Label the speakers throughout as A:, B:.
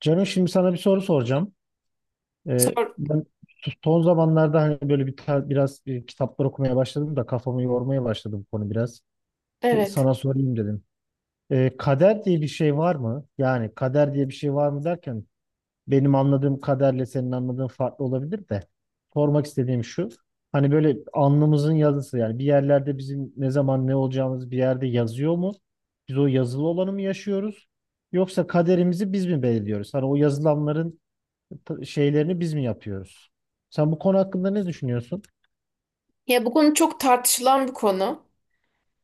A: Canım şimdi sana bir soru soracağım.
B: Sor,
A: Ben son zamanlarda hani böyle biraz kitaplar okumaya başladım da kafamı yormaya başladım bu konu biraz. E,
B: evet.
A: Sana sorayım dedim. Kader diye bir şey var mı? Yani kader diye bir şey var mı derken benim anladığım kaderle senin anladığın farklı olabilir de. Sormak istediğim şu. Hani böyle alnımızın yazısı, yani bir yerlerde bizim ne zaman ne olacağımız bir yerde yazıyor mu? Biz o yazılı olanı mı yaşıyoruz? Yoksa kaderimizi biz mi belirliyoruz? Hani o yazılanların şeylerini biz mi yapıyoruz? Sen bu konu hakkında ne düşünüyorsun?
B: Ya bu konu çok tartışılan bir konu.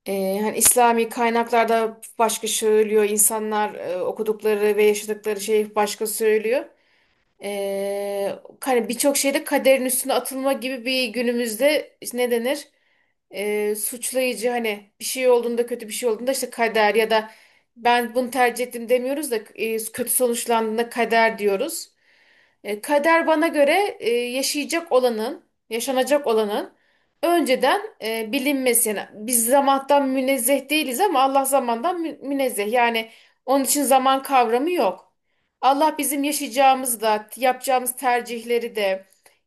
B: Hani İslami kaynaklarda başka söylüyor, insanlar okudukları ve yaşadıkları şey başka söylüyor. Hani birçok şeyde kaderin üstüne atılma gibi bir günümüzde işte ne denir? Suçlayıcı hani bir şey olduğunda, kötü bir şey olduğunda işte kader, ya da ben bunu tercih ettim demiyoruz da kötü sonuçlandığında kader diyoruz. Kader bana göre yaşayacak olanın, yaşanacak olanın önceden bilinmesi. Yani biz zamandan münezzeh değiliz ama Allah zamandan münezzeh. Yani onun için zaman kavramı yok. Allah bizim yaşayacağımız da, yapacağımız tercihleri de,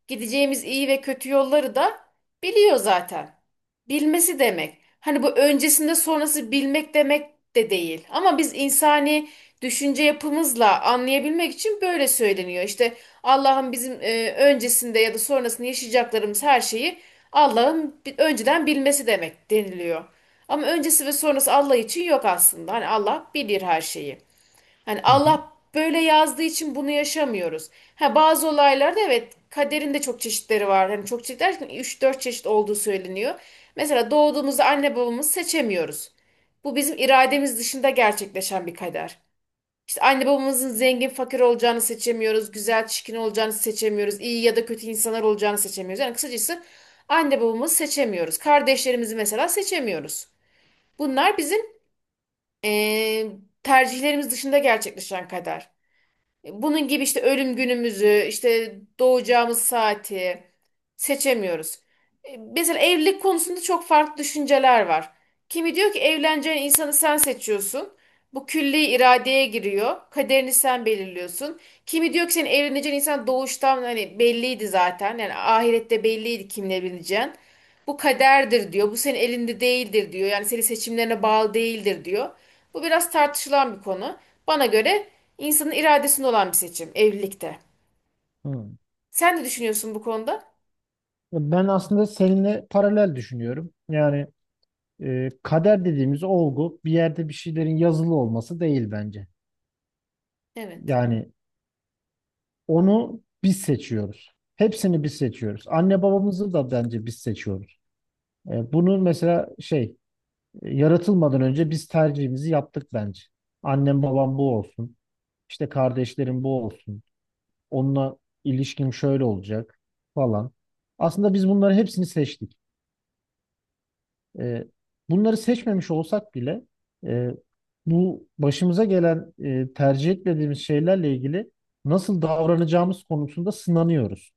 B: gideceğimiz iyi ve kötü yolları da biliyor zaten. Bilmesi demek. Hani bu öncesinde sonrası bilmek demek de değil. Ama biz insani düşünce yapımızla anlayabilmek için böyle söyleniyor. İşte Allah'ın bizim öncesinde ya da sonrasında yaşayacaklarımız her şeyi Allah'ın önceden bilmesi demek deniliyor. Ama öncesi ve sonrası Allah için yok aslında. Hani Allah bilir her şeyi. Hani
A: Hı hı.
B: Allah böyle yazdığı için bunu yaşamıyoruz. Ha bazı olaylarda evet, kaderin de çok çeşitleri var. Hani çok çeşit derken 3-4 çeşit olduğu söyleniyor. Mesela doğduğumuzda anne babamızı seçemiyoruz. Bu bizim irademiz dışında gerçekleşen bir kader. İşte anne babamızın zengin fakir olacağını seçemiyoruz, güzel çirkin olacağını seçemiyoruz, iyi ya da kötü insanlar olacağını seçemiyoruz. Yani kısacası anne babamızı seçemiyoruz. Kardeşlerimizi mesela seçemiyoruz. Bunlar bizim eee, tercihlerimiz dışında gerçekleşen kader. Bunun gibi işte ölüm günümüzü, işte doğacağımız saati seçemiyoruz. Mesela evlilik konusunda çok farklı düşünceler var. Kimi diyor ki evleneceğin insanı sen seçiyorsun. Bu külli iradeye giriyor. Kaderini sen belirliyorsun. Kimi diyor ki senin evleneceğin insan doğuştan hani belliydi zaten. Yani ahirette belliydi kimle evleneceğin. Bu kaderdir diyor. Bu senin elinde değildir diyor. Yani senin seçimlerine bağlı değildir diyor. Bu biraz tartışılan bir konu. Bana göre İnsanın iradesinde olan bir seçim evlilikte.
A: Hı.
B: Sen ne düşünüyorsun bu konuda?
A: Ben aslında seninle paralel düşünüyorum. Yani kader dediğimiz olgu bir yerde bir şeylerin yazılı olması değil bence.
B: Evet.
A: Yani onu biz seçiyoruz. Hepsini biz seçiyoruz. Anne babamızı da bence biz seçiyoruz. E, bunu mesela şey, yaratılmadan önce biz tercihimizi yaptık bence. Annem babam bu olsun. İşte kardeşlerim bu olsun. Onunla ilişkim şöyle olacak falan. Aslında biz bunları hepsini seçtik. E, bunları seçmemiş olsak bile e, bu başımıza gelen, tercih etmediğimiz şeylerle ilgili nasıl davranacağımız konusunda sınanıyoruz.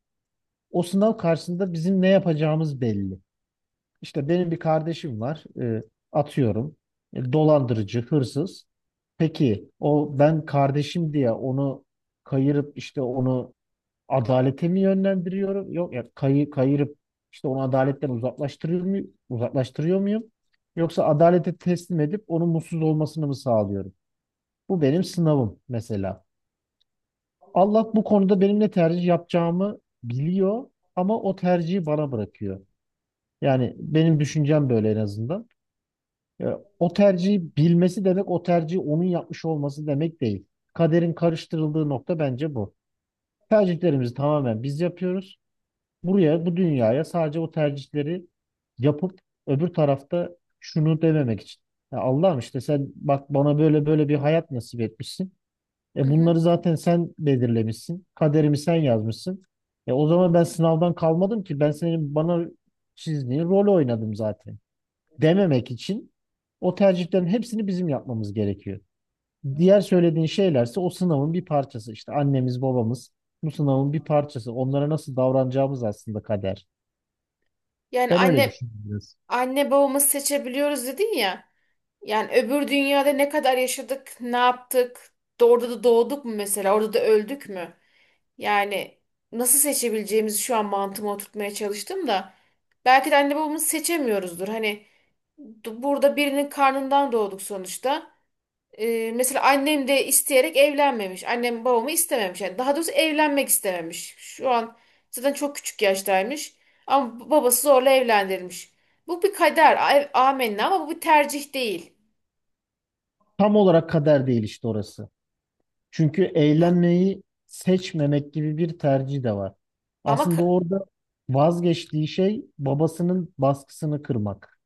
A: O sınav karşısında bizim ne yapacağımız belli. İşte benim bir kardeşim var, atıyorum, dolandırıcı, hırsız. Peki o, ben kardeşim diye onu kayırıp işte onu adalete mi yönlendiriyorum? Yok ya kayırıp işte onu adaletten uzaklaştırıyor muyum? Uzaklaştırıyor muyum? Yoksa adalete teslim edip onun mutsuz olmasını mı sağlıyorum? Bu benim sınavım mesela. Allah bu konuda benim ne tercih yapacağımı biliyor ama o tercihi bana bırakıyor. Yani benim düşüncem böyle en azından. Ya, o tercihi bilmesi demek o tercihi onun yapmış olması demek değil. Kaderin karıştırıldığı nokta bence bu. Tercihlerimizi tamamen biz yapıyoruz. Buraya, bu dünyaya sadece o tercihleri yapıp öbür tarafta şunu dememek için. Ya Allah'ım, işte sen bak bana böyle böyle bir hayat nasip etmişsin.
B: Hı
A: E
B: hı.
A: bunları zaten sen belirlemişsin. Kaderimi sen yazmışsın. E o zaman ben sınavdan kalmadım ki. Ben senin bana çizdiğin rolü oynadım zaten. Dememek için o tercihlerin hepsini bizim yapmamız gerekiyor. Diğer söylediğin şeylerse o sınavın bir parçası. İşte annemiz, babamız bu sınavın bir parçası. Onlara nasıl davranacağımız aslında kader.
B: Yani
A: Ben öyle
B: anne
A: düşünüyorum biraz.
B: anne babamızı seçebiliyoruz dedin ya. Yani öbür dünyada ne kadar yaşadık, ne yaptık, orada da doğduk mu mesela, orada da öldük mü? Yani nasıl seçebileceğimizi şu an mantığıma oturtmaya çalıştım da belki de anne babamızı seçemiyoruzdur. Hani burada birinin karnından doğduk sonuçta. Mesela annem de isteyerek evlenmemiş. Annem babamı istememiş. Yani daha doğrusu evlenmek istememiş. Şu an zaten çok küçük yaştaymış. Ama babası zorla evlendirilmiş. Bu bir kader. Amenna, ama bu bir tercih değil.
A: Tam olarak kader değil işte orası. Çünkü
B: Ha-
A: eğlenmeyi seçmemek gibi bir tercih de var.
B: ama
A: Aslında
B: ka-
A: orada vazgeçtiği şey babasının baskısını kırmak.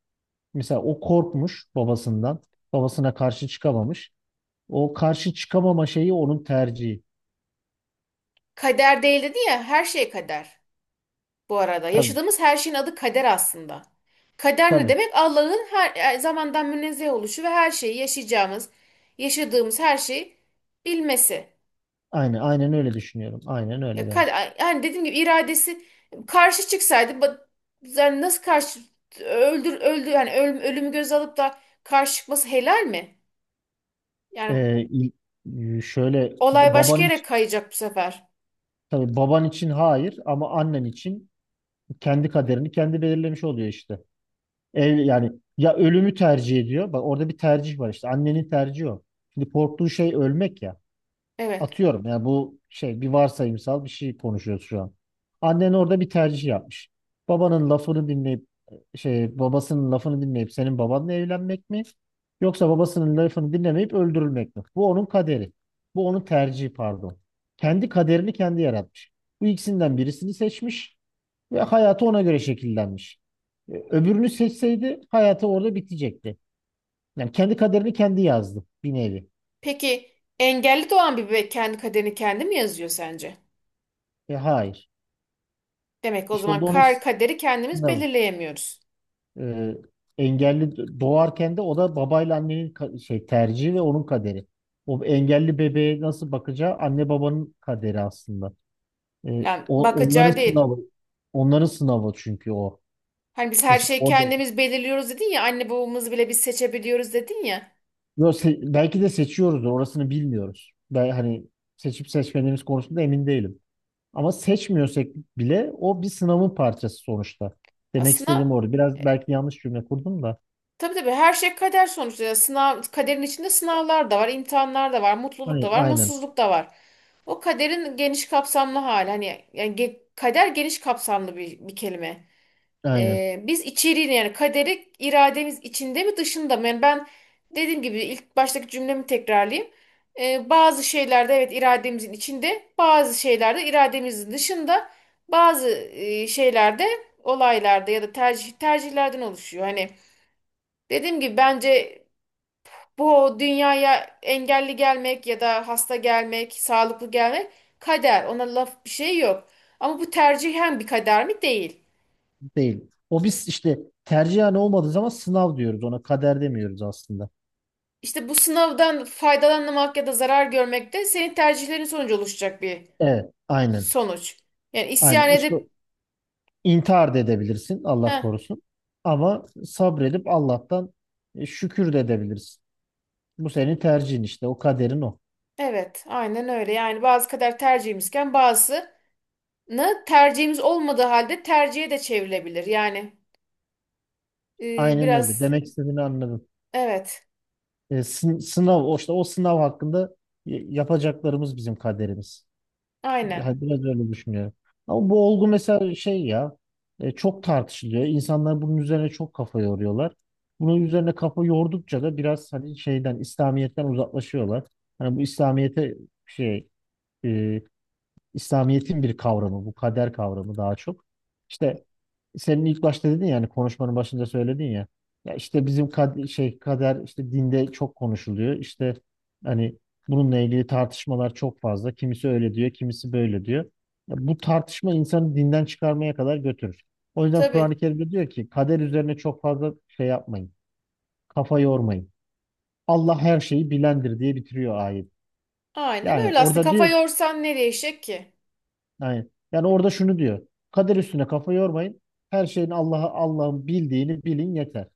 A: Mesela o korkmuş babasından. Babasına karşı çıkamamış. O karşı çıkamama şeyi onun tercihi.
B: Kader değil dedi ya, her şey kader bu arada.
A: Tabii,
B: Yaşadığımız her şeyin adı kader aslında. Kader ne
A: tabii.
B: demek? Allah'ın her zamandan münezzeh oluşu ve her şeyi yaşayacağımız, yaşadığımız her şeyi bilmesi.
A: Aynen, aynen öyle düşünüyorum. Aynen öyle
B: Ya,
A: bence.
B: yani dediğim gibi iradesi karşı çıksaydı yani nasıl karşı, öldü yani ölüm, ölümü göz alıp da karşı çıkması helal mi? Yani
A: Ee, il- Şöyle,
B: olay başka
A: baban
B: yere
A: için,
B: kayacak bu sefer.
A: tabii baban için hayır ama annen için kendi kaderini kendi belirlemiş oluyor işte. Yani ya ölümü tercih ediyor. Bak orada bir tercih var işte. Annenin tercihi o. Şimdi korktuğu şey ölmek ya.
B: Evet.
A: Atıyorum, yani bu şey, bir varsayımsal bir şey konuşuyoruz şu an. Annen orada bir tercih yapmış. Babanın lafını dinleyip şey, babasının lafını dinleyip senin babanla evlenmek mi? Yoksa babasının lafını dinlemeyip öldürülmek mi? Bu onun kaderi. Bu onun tercihi, pardon. Kendi kaderini kendi yaratmış. Bu ikisinden birisini seçmiş. Ve hayatı ona göre şekillenmiş. E, Öbürünü seçseydi hayatı orada bitecekti. Yani kendi kaderini kendi yazdı bir nevi.
B: Peki engelli doğan bir bebek kendi kaderini kendi mi yazıyor sence?
A: E, hayır.
B: Demek o
A: İşte o
B: zaman
A: da onun
B: kaderi kendimiz
A: sınavı.
B: belirleyemiyoruz.
A: E, engelli doğarken de o da babayla annenin şey, tercihi ve onun kaderi. O engelli bebeğe nasıl bakacağı anne babanın kaderi aslında. E,
B: Yani
A: o, onların
B: bakacağı değil.
A: sınavı. Onların sınavı çünkü o.
B: Hani biz her
A: Mesela
B: şeyi
A: orada,
B: kendimiz belirliyoruz dedin ya, anne babamızı bile biz seçebiliyoruz dedin ya.
A: yo, belki de seçiyoruz da orasını bilmiyoruz. Ben hani seçip seçmediğimiz konusunda emin değilim. Ama seçmiyorsak bile o bir sınavın parçası sonuçta. Demek istediğim
B: Aslında
A: orada. Biraz belki yanlış cümle kurdum da.
B: tabii, tabii her şey kader sonuçta. Yani sınav, kaderin içinde sınavlar da var, imtihanlar da var, mutluluk da var,
A: Aynen,
B: mutsuzluk da var. O kaderin geniş kapsamlı hali. Hani yani kader geniş kapsamlı bir kelime.
A: aynen,
B: Biz içeriğini, yani kaderi irademiz içinde mi dışında mı? Yani ben dediğim gibi ilk baştaki cümlemi tekrarlayayım. Bazı şeylerde evet irademizin içinde, bazı şeylerde irademizin dışında, bazı şeylerde, olaylarda ya da tercihlerden oluşuyor. Hani dediğim gibi bence bu dünyaya engelli gelmek ya da hasta gelmek, sağlıklı gelmek kader. Ona laf bir şey yok. Ama bu tercihen bir kader mi? Değil.
A: değil. O biz işte tercihen olmadığı zaman sınav diyoruz, ona kader demiyoruz aslında.
B: İşte bu sınavdan faydalanmak ya da zarar görmek de senin tercihlerin sonucu oluşacak bir
A: Evet, aynen,
B: sonuç. Yani isyan
A: aynen. İşte
B: edip
A: intihar da edebilirsin, Allah
B: heh,
A: korusun. Ama sabredip Allah'tan şükür de edebilirsin. Bu senin tercihin işte, o kaderin o.
B: evet, aynen öyle. Yani bazı kader tercihimizken bazısını tercihimiz olmadığı halde tercihe de çevrilebilir. Yani
A: Aynen öyle.
B: biraz
A: Demek istediğini anladım.
B: evet,
A: Sınav, o işte o sınav hakkında yapacaklarımız bizim kaderimiz.
B: aynen,
A: Yani biraz öyle düşünüyorum. Ama bu olgu mesela şey ya, çok tartışılıyor. İnsanlar bunun üzerine çok kafa yoruyorlar. Bunun üzerine kafa yordukça da biraz hani şeyden, İslamiyet'ten uzaklaşıyorlar. Hani bu İslamiyet'e şey, e, İslamiyet'in bir kavramı bu kader kavramı daha çok. İşte senin ilk başta dedin, yani konuşmanın başında söyledin ya. Ya işte bizim şey, kader işte dinde çok konuşuluyor. İşte hani bununla ilgili tartışmalar çok fazla. Kimisi öyle diyor, kimisi böyle diyor. Ya bu tartışma insanı dinden çıkarmaya kadar götürür. O yüzden Kur'an-ı
B: tabii.
A: Kerim'de diyor ki kader üzerine çok fazla şey yapmayın. Kafa yormayın. Allah her şeyi bilendir diye bitiriyor ayet.
B: Aynen
A: Yani
B: öyle, aslında
A: orada
B: kafa
A: diyor
B: yorsan nereye değişecek ki?
A: yani, yani orada şunu diyor. Kader üstüne kafa yormayın. Her şeyin Allah'a, Allah'ın bildiğini bilin yeter.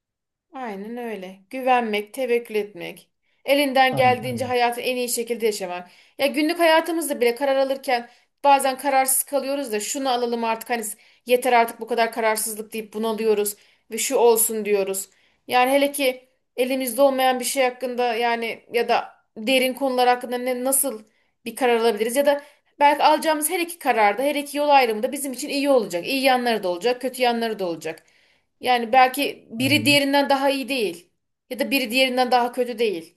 B: Aynen öyle. Güvenmek, tevekkül etmek. Elinden
A: Aynen,
B: geldiğince
A: aynen.
B: hayatı en iyi şekilde yaşamak. Ya günlük hayatımızda bile karar alırken bazen kararsız kalıyoruz da, şunu alalım artık hani yeter artık bu kadar kararsızlık deyip bunalıyoruz ve şu olsun diyoruz. Yani hele ki elimizde olmayan bir şey hakkında, yani ya da derin konular hakkında ne nasıl bir karar alabiliriz, ya da belki alacağımız her iki kararda, her iki yol ayrımında bizim için iyi olacak. İyi yanları da olacak, kötü yanları da olacak. Yani belki biri
A: Aynen.
B: diğerinden daha iyi değil. Ya da biri diğerinden daha kötü değil.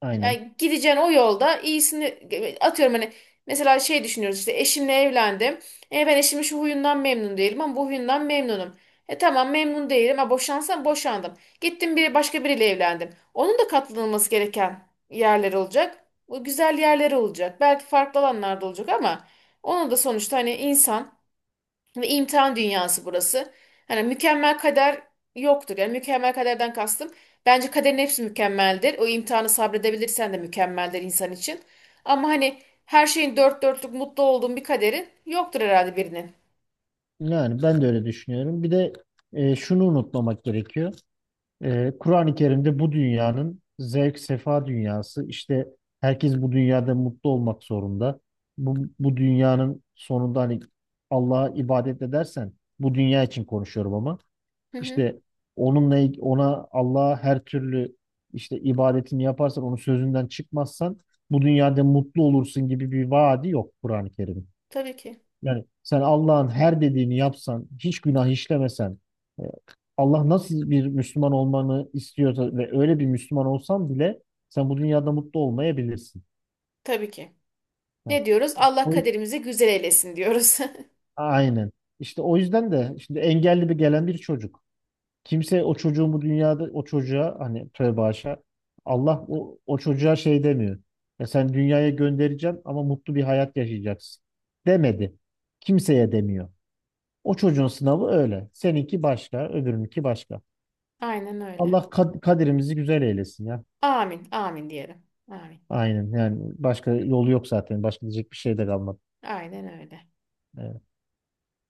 A: Aynen.
B: Yani gideceğin o yolda iyisini, atıyorum hani, mesela şey düşünüyoruz, işte eşimle evlendim. E ben eşimin şu huyundan memnun değilim ama bu huyundan memnunum. E tamam, memnun değilim. Ha boşansam boşandım. Gittim bir başka biriyle evlendim. Onun da katlanılması gereken yerler olacak. O güzel yerleri olacak. Belki farklı alanlarda olacak ama onun da sonuçta hani insan ve imtihan dünyası burası. Hani mükemmel kader yoktur. Yani mükemmel kaderden kastım, bence kaderin hepsi mükemmeldir. O imtihanı sabredebilirsen de mükemmeldir insan için. Ama hani her şeyin dört dörtlük mutlu olduğun bir kaderi yoktur herhalde birinin.
A: Yani ben de öyle düşünüyorum. Bir de şunu unutmamak gerekiyor. E, Kur'an-ı Kerim'de bu dünyanın zevk sefa dünyası. İşte herkes bu dünyada mutlu olmak zorunda. Bu dünyanın sonunda hani Allah'a ibadet edersen, bu dünya için konuşuyorum ama,
B: Hı hı,
A: işte onunla ona, Allah'a her türlü işte ibadetini yaparsan, onun sözünden çıkmazsan bu dünyada mutlu olursun gibi bir vaadi yok Kur'an-ı Kerim'in.
B: tabii ki.
A: Yani sen Allah'ın her dediğini yapsan, hiç günah işlemesen, e, Allah nasıl bir Müslüman olmanı istiyorsa ve öyle bir Müslüman olsan bile sen bu dünyada mutlu olmayabilirsin.
B: Tabii ki.
A: Ha.
B: Ne diyoruz? Allah
A: O, yüz-
B: kaderimizi güzel eylesin diyoruz.
A: aynen. İşte o yüzden de şimdi engelli bir gelen bir çocuk. Kimse o çocuğun bu dünyada o çocuğa hani, tövbe haşa, Allah o, o çocuğa şey demiyor. Ya sen, dünyaya göndereceğim ama mutlu bir hayat yaşayacaksın demedi. Kimseye demiyor. O çocuğun sınavı öyle. Seninki başka, öbürününki başka.
B: Aynen öyle.
A: Allah kaderimizi güzel eylesin ya.
B: Amin, amin diyelim. Amin.
A: Aynen, yani başka yolu yok zaten. Başka diyecek bir şey de kalmadı.
B: Aynen öyle.
A: Ee,